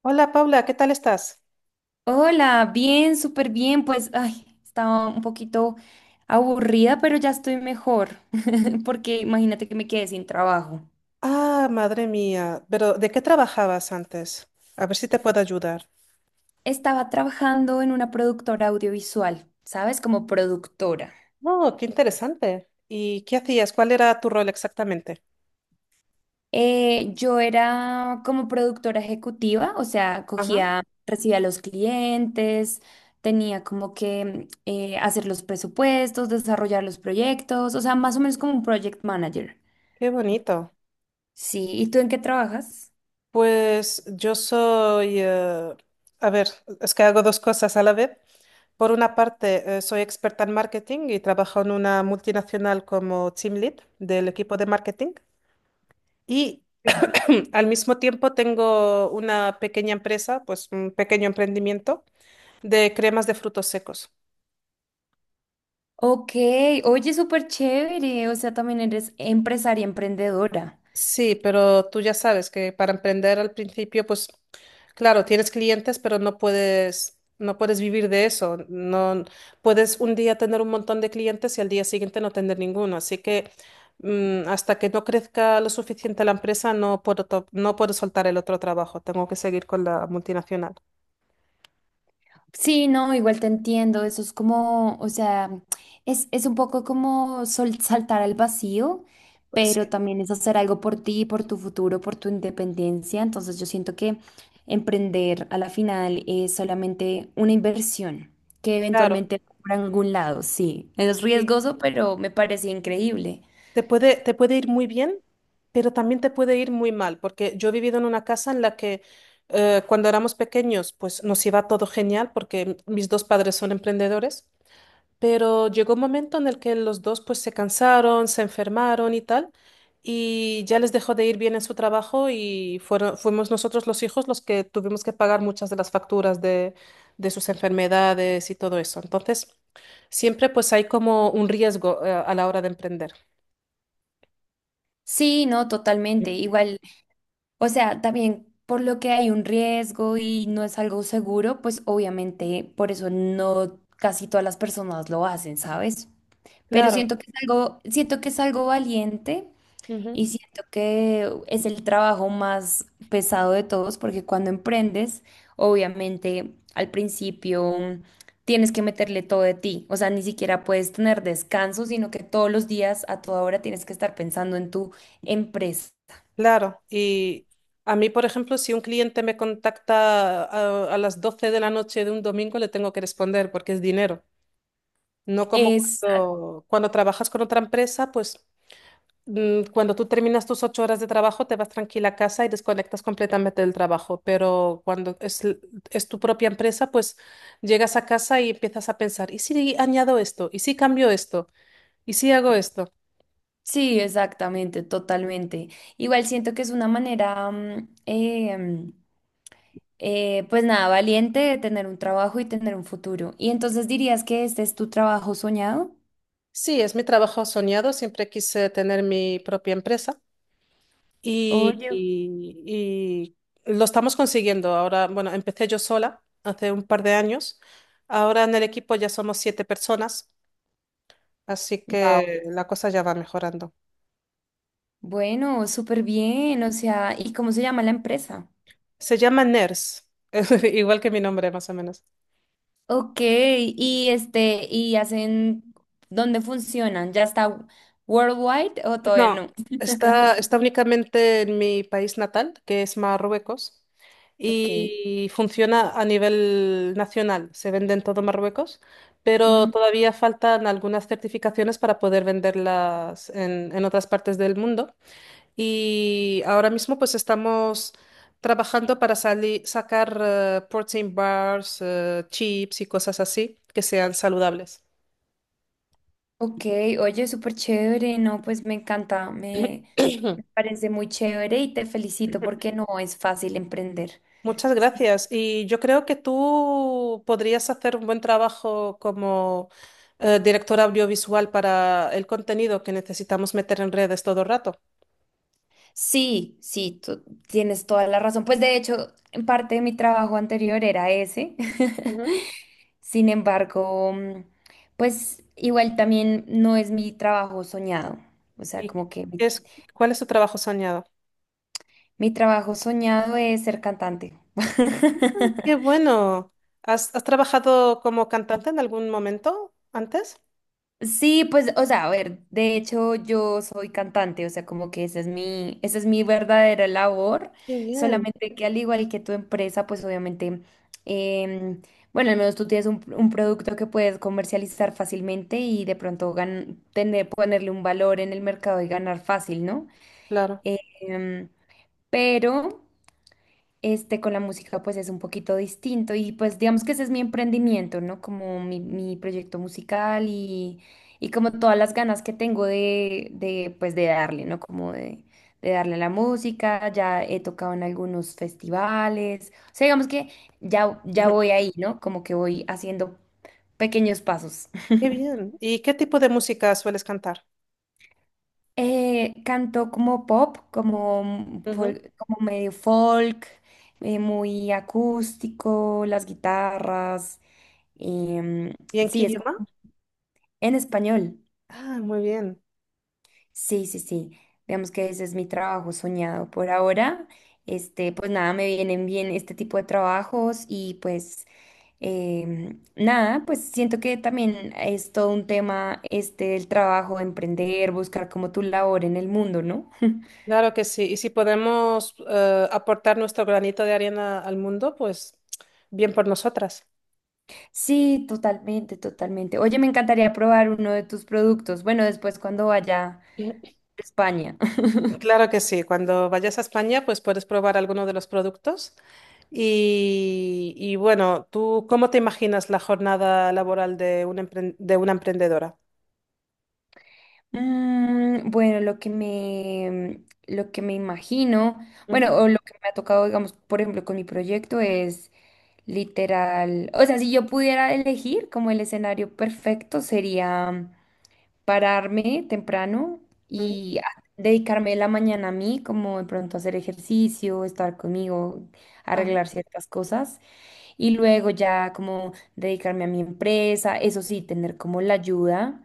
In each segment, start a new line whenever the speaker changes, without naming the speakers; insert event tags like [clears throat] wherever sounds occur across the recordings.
Hola Paula, ¿qué tal estás?
Hola, bien, súper bien. Pues, ay, estaba un poquito aburrida, pero ya estoy mejor, [laughs] porque imagínate que me quedé sin trabajo.
Ah, madre mía, pero ¿de qué trabajabas antes? A ver si te puedo ayudar.
Estaba trabajando en una productora audiovisual, ¿sabes? Como productora.
Oh, qué interesante. ¿Y qué hacías? ¿Cuál era tu rol exactamente?
Yo era como productora ejecutiva, o sea,
Ajá.
cogía, recibía a los clientes, tenía como que hacer los presupuestos, desarrollar los proyectos, o sea, más o menos como un project manager.
Qué bonito.
Sí, ¿y tú en qué trabajas?
Pues yo soy, a ver, es que hago dos cosas a la vez. Por una parte, soy experta en marketing y trabajo en una multinacional como team lead del equipo de marketing. Y [clears throat] al mismo tiempo tengo una pequeña empresa, pues un pequeño emprendimiento de cremas de frutos secos.
Ok, oye, súper chévere, o sea, también eres empresaria, emprendedora.
Sí, pero tú ya sabes que para emprender al principio, pues claro, tienes clientes, pero no puedes vivir de eso. No puedes un día tener un montón de clientes y al día siguiente no tener ninguno. Así que hasta que no crezca lo suficiente la empresa, no puedo, no puedo soltar el otro trabajo. Tengo que seguir con la multinacional.
Sí, no, igual te entiendo, eso es como, o sea, es un poco como saltar al vacío, pero
Sí,
también es hacer algo por ti, por tu futuro, por tu independencia. Entonces yo siento que emprender a la final es solamente una inversión que
claro.
eventualmente va por algún lado, sí. Es riesgoso, pero me parece increíble.
Te puede ir muy bien, pero también te puede ir muy mal, porque yo he vivido en una casa en la que cuando éramos pequeños, pues nos iba todo genial, porque mis dos padres son emprendedores, pero llegó un momento en el que los dos pues se cansaron, se enfermaron y tal, y ya les dejó de ir bien en su trabajo y fuimos nosotros los hijos los que tuvimos que pagar muchas de las facturas de sus enfermedades y todo eso. Entonces, siempre pues hay como un riesgo a la hora de emprender.
Sí, no, totalmente. Igual. O sea, también por lo que hay un riesgo y no es algo seguro, pues obviamente por eso no casi todas las personas lo hacen, ¿sabes? Pero
Claro.
siento que es algo, siento que es algo valiente
Ujú.
y siento que es el trabajo más pesado de todos, porque cuando emprendes, obviamente al principio tienes que meterle todo de ti. O sea, ni siquiera puedes tener descanso, sino que todos los días, a toda hora, tienes que estar pensando en tu empresa.
Claro, y a mí, por ejemplo, si un cliente me contacta a las 12 de la noche de un domingo, le tengo que responder porque es dinero. No como
Es
cuando trabajas con otra empresa, pues cuando tú terminas tus 8 horas de trabajo, te vas tranquila a casa y desconectas completamente del trabajo. Pero cuando es, es tu propia empresa, pues llegas a casa y empiezas a pensar, ¿y si añado esto? ¿Y si cambio esto? ¿Y si hago esto?
sí, exactamente, totalmente. Igual siento que es una manera, pues nada, valiente de tener un trabajo y tener un futuro. ¿Y entonces dirías que este es tu trabajo soñado?
Sí, es mi trabajo soñado. Siempre quise tener mi propia empresa y,
Oye,
y- y lo estamos consiguiendo. Ahora, bueno, empecé yo sola hace un par de años. Ahora en el equipo ya somos 7 personas, así
wow.
que la cosa ya va mejorando.
Bueno, súper bien. O sea, ¿y cómo se llama la empresa?
Se llama NERS, [laughs] igual que mi nombre más o menos.
Ok, y este, ¿y hacen dónde funcionan? ¿Ya está worldwide o todavía
No,
no?
está únicamente en mi país natal, que es Marruecos,
Ok.
y funciona a nivel nacional. Se vende en todo Marruecos, pero todavía faltan algunas certificaciones para poder venderlas en otras partes del mundo. Y ahora mismo pues estamos trabajando para sacar protein bars, chips y cosas así que sean saludables.
Ok, oye, súper chévere, no, pues me encanta, me parece muy chévere y te felicito porque no es fácil emprender.
Muchas
Sí,
gracias. Y yo creo que tú podrías hacer un buen trabajo como directora audiovisual para el contenido que necesitamos meter en redes todo el rato.
sí, sí, tú tienes toda la razón. Pues de hecho, en parte de mi trabajo anterior era ese.
Ujú.
[laughs] Sin embargo, pues igual también no es mi trabajo soñado. O sea,
¿Y qué
como que mi,
es, cuál es tu trabajo soñado?
mi trabajo soñado es ser cantante.
Ah, qué
[laughs]
bueno. ¿Has, has trabajado como cantante en algún momento antes?
Sí, pues, o sea, a ver, de hecho yo soy cantante, o sea, como que esa es mi verdadera labor,
Qué bien,
solamente que al igual que tu empresa, pues obviamente, em, bueno, al menos tú tienes un producto que puedes comercializar fácilmente y de pronto tener, ponerle un valor en el mercado y ganar fácil, ¿no?
claro.
Em, pero... Este, con la música pues es un poquito distinto y pues digamos que ese es mi emprendimiento, ¿no? Como mi proyecto musical y como todas las ganas que tengo de pues de darle, ¿no? Como de darle a la música, ya he tocado en algunos festivales, o sea, digamos que ya, ya
Ujú.
voy ahí, ¿no? Como que voy haciendo pequeños pasos. [laughs]
Qué bien. ¿Y qué tipo de música sueles cantar?
Canto como pop, como,
Ujú.
como medio folk, muy acústico, las guitarras. Em,
¿Y en qué
sí, es
idioma?
como en español.
Ah, muy bien.
Sí, sí, sí. Digamos que ese es mi trabajo soñado por ahora. Este, pues nada, me vienen bien este tipo de trabajos y pues nada, pues siento que también es todo un tema este el trabajo, emprender, buscar como tu labor en el mundo, ¿no?
Claro que sí, y si podemos aportar nuestro granito de arena al mundo, pues bien por nosotras.
Sí, totalmente, totalmente. Oye, me encantaría probar uno de tus productos. Bueno, después cuando vaya a España.
Claro que sí, cuando vayas a España, pues puedes probar alguno de los productos. Y bueno, ¿tú cómo te imaginas la jornada laboral de una, de una emprendedora?
Mm, bueno, lo que me imagino, bueno,
Ujú,
o lo que me ha tocado, digamos, por ejemplo, con mi proyecto es literal, o sea, si yo pudiera elegir como el escenario perfecto sería pararme temprano
ujú,
y dedicarme la mañana a mí, como de pronto hacer ejercicio, estar conmigo,
ajá,
arreglar ciertas cosas y luego ya como dedicarme a mi empresa, eso sí, tener como la ayuda.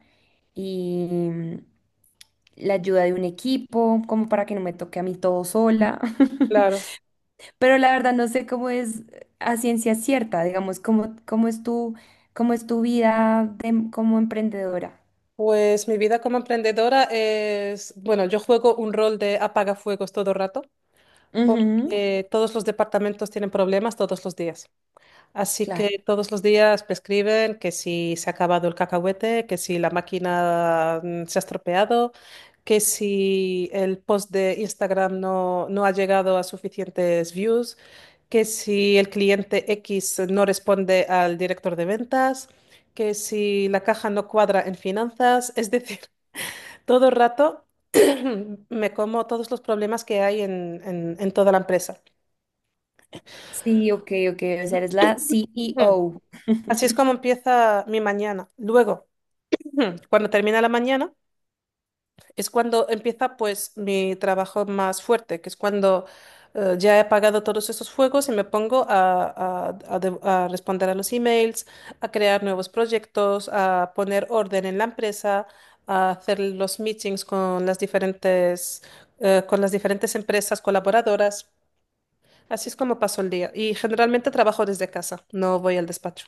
Y, la ayuda de un equipo, como para que no me toque a mí todo sola. [laughs]
claro.
Pero la verdad no sé cómo es a ciencia cierta, digamos, cómo, cómo es tu como emprendedora.
Pues mi vida como emprendedora es, bueno, yo juego un rol de apagafuegos todo el rato,
Ujú,
porque todos los departamentos tienen problemas todos los días. Así que
claro.
todos los días me escriben que si se ha acabado el cacahuete, que si la máquina se ha estropeado, que si el post de Instagram no ha llegado a suficientes views, que si el cliente X no responde al director de ventas, que si la caja no cuadra en finanzas. Es decir, [laughs] todo el rato [clears throat] me como todos los problemas que hay en, en toda la empresa.
Sí, ok, ok, o sea, eres la
Mm.
CEO.
Así es como empieza mi mañana. Luego. Ujú. Cuando termina la mañana es cuando empieza pues mi trabajo más fuerte, que es cuando ya he apagado todos esos fuegos y me pongo a responder a los emails, a crear nuevos proyectos, a poner orden en la empresa, a hacer los meetings con las diferentes empresas colaboradoras. Así es como paso el día y generalmente trabajo desde casa, no voy al despacho.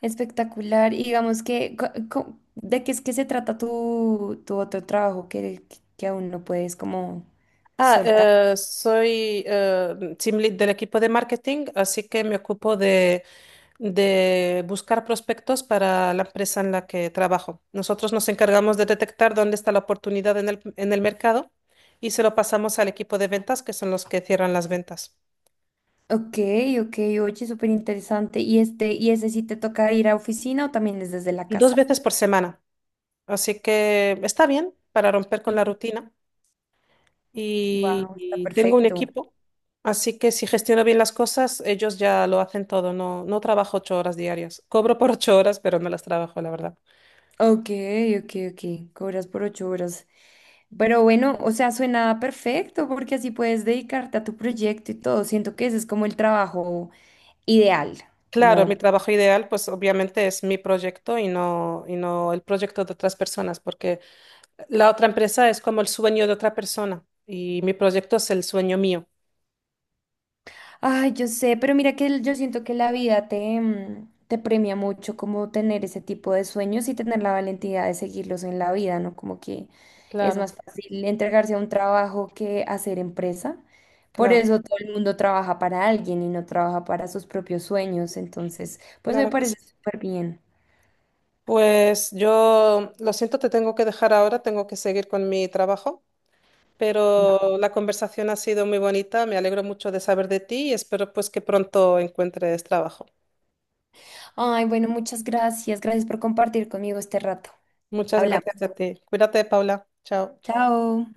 Espectacular. Y digamos que, co- co- ¿de qué es que se trata tu, tu otro trabajo que aún no puedes como
Ah,
soltar?
soy team lead del equipo de marketing, así que me ocupo de buscar prospectos para la empresa en la que trabajo. Nosotros nos encargamos de detectar dónde está la oportunidad en el mercado y se lo pasamos al equipo de ventas, que son los que cierran las ventas,
Ok, ok, oye, súper interesante. ¿Y este, y ese sí te toca ir a oficina o también es desde la
dos
casa?
veces por semana. Así que está bien para romper con la rutina. Y,
Wow, está
y tengo un
perfecto.
equipo, así que si gestiono bien las cosas, ellos ya lo hacen todo, no trabajo 8 horas diarias. Cobro por 8 horas, pero no las trabajo, la verdad.
Ok, ok, ok. Cobras por 8 horas. Pero bueno, o sea, suena perfecto porque así puedes dedicarte a tu proyecto y todo. Siento que ese es como el trabajo ideal,
Claro, mi
como
trabajo ideal, pues obviamente es mi proyecto y no el proyecto de otras personas, porque la otra empresa es como el sueño de otra persona y mi proyecto es el sueño mío.
ay, yo sé, pero mira que yo siento que la vida te, te premia mucho como tener ese tipo de sueños y tener la valentía de seguirlos en la vida, ¿no? Como que es
Claro,
más fácil entregarse a un trabajo que hacer empresa. Por
claro,
eso todo el mundo trabaja para alguien y no trabaja para sus propios sueños. Entonces, pues me
claro que sí.
parece súper bien.
Pues yo lo siento, te tengo que dejar ahora, tengo que seguir con mi trabajo. Pero la conversación ha sido muy bonita, me alegro mucho de saber de ti y espero pues que pronto encuentres trabajo.
Ay, bueno, muchas gracias. Gracias por compartir conmigo este rato.
Muchas
Hablamos.
gracias a ti. Cuídate, Paula. Chao.
Chao.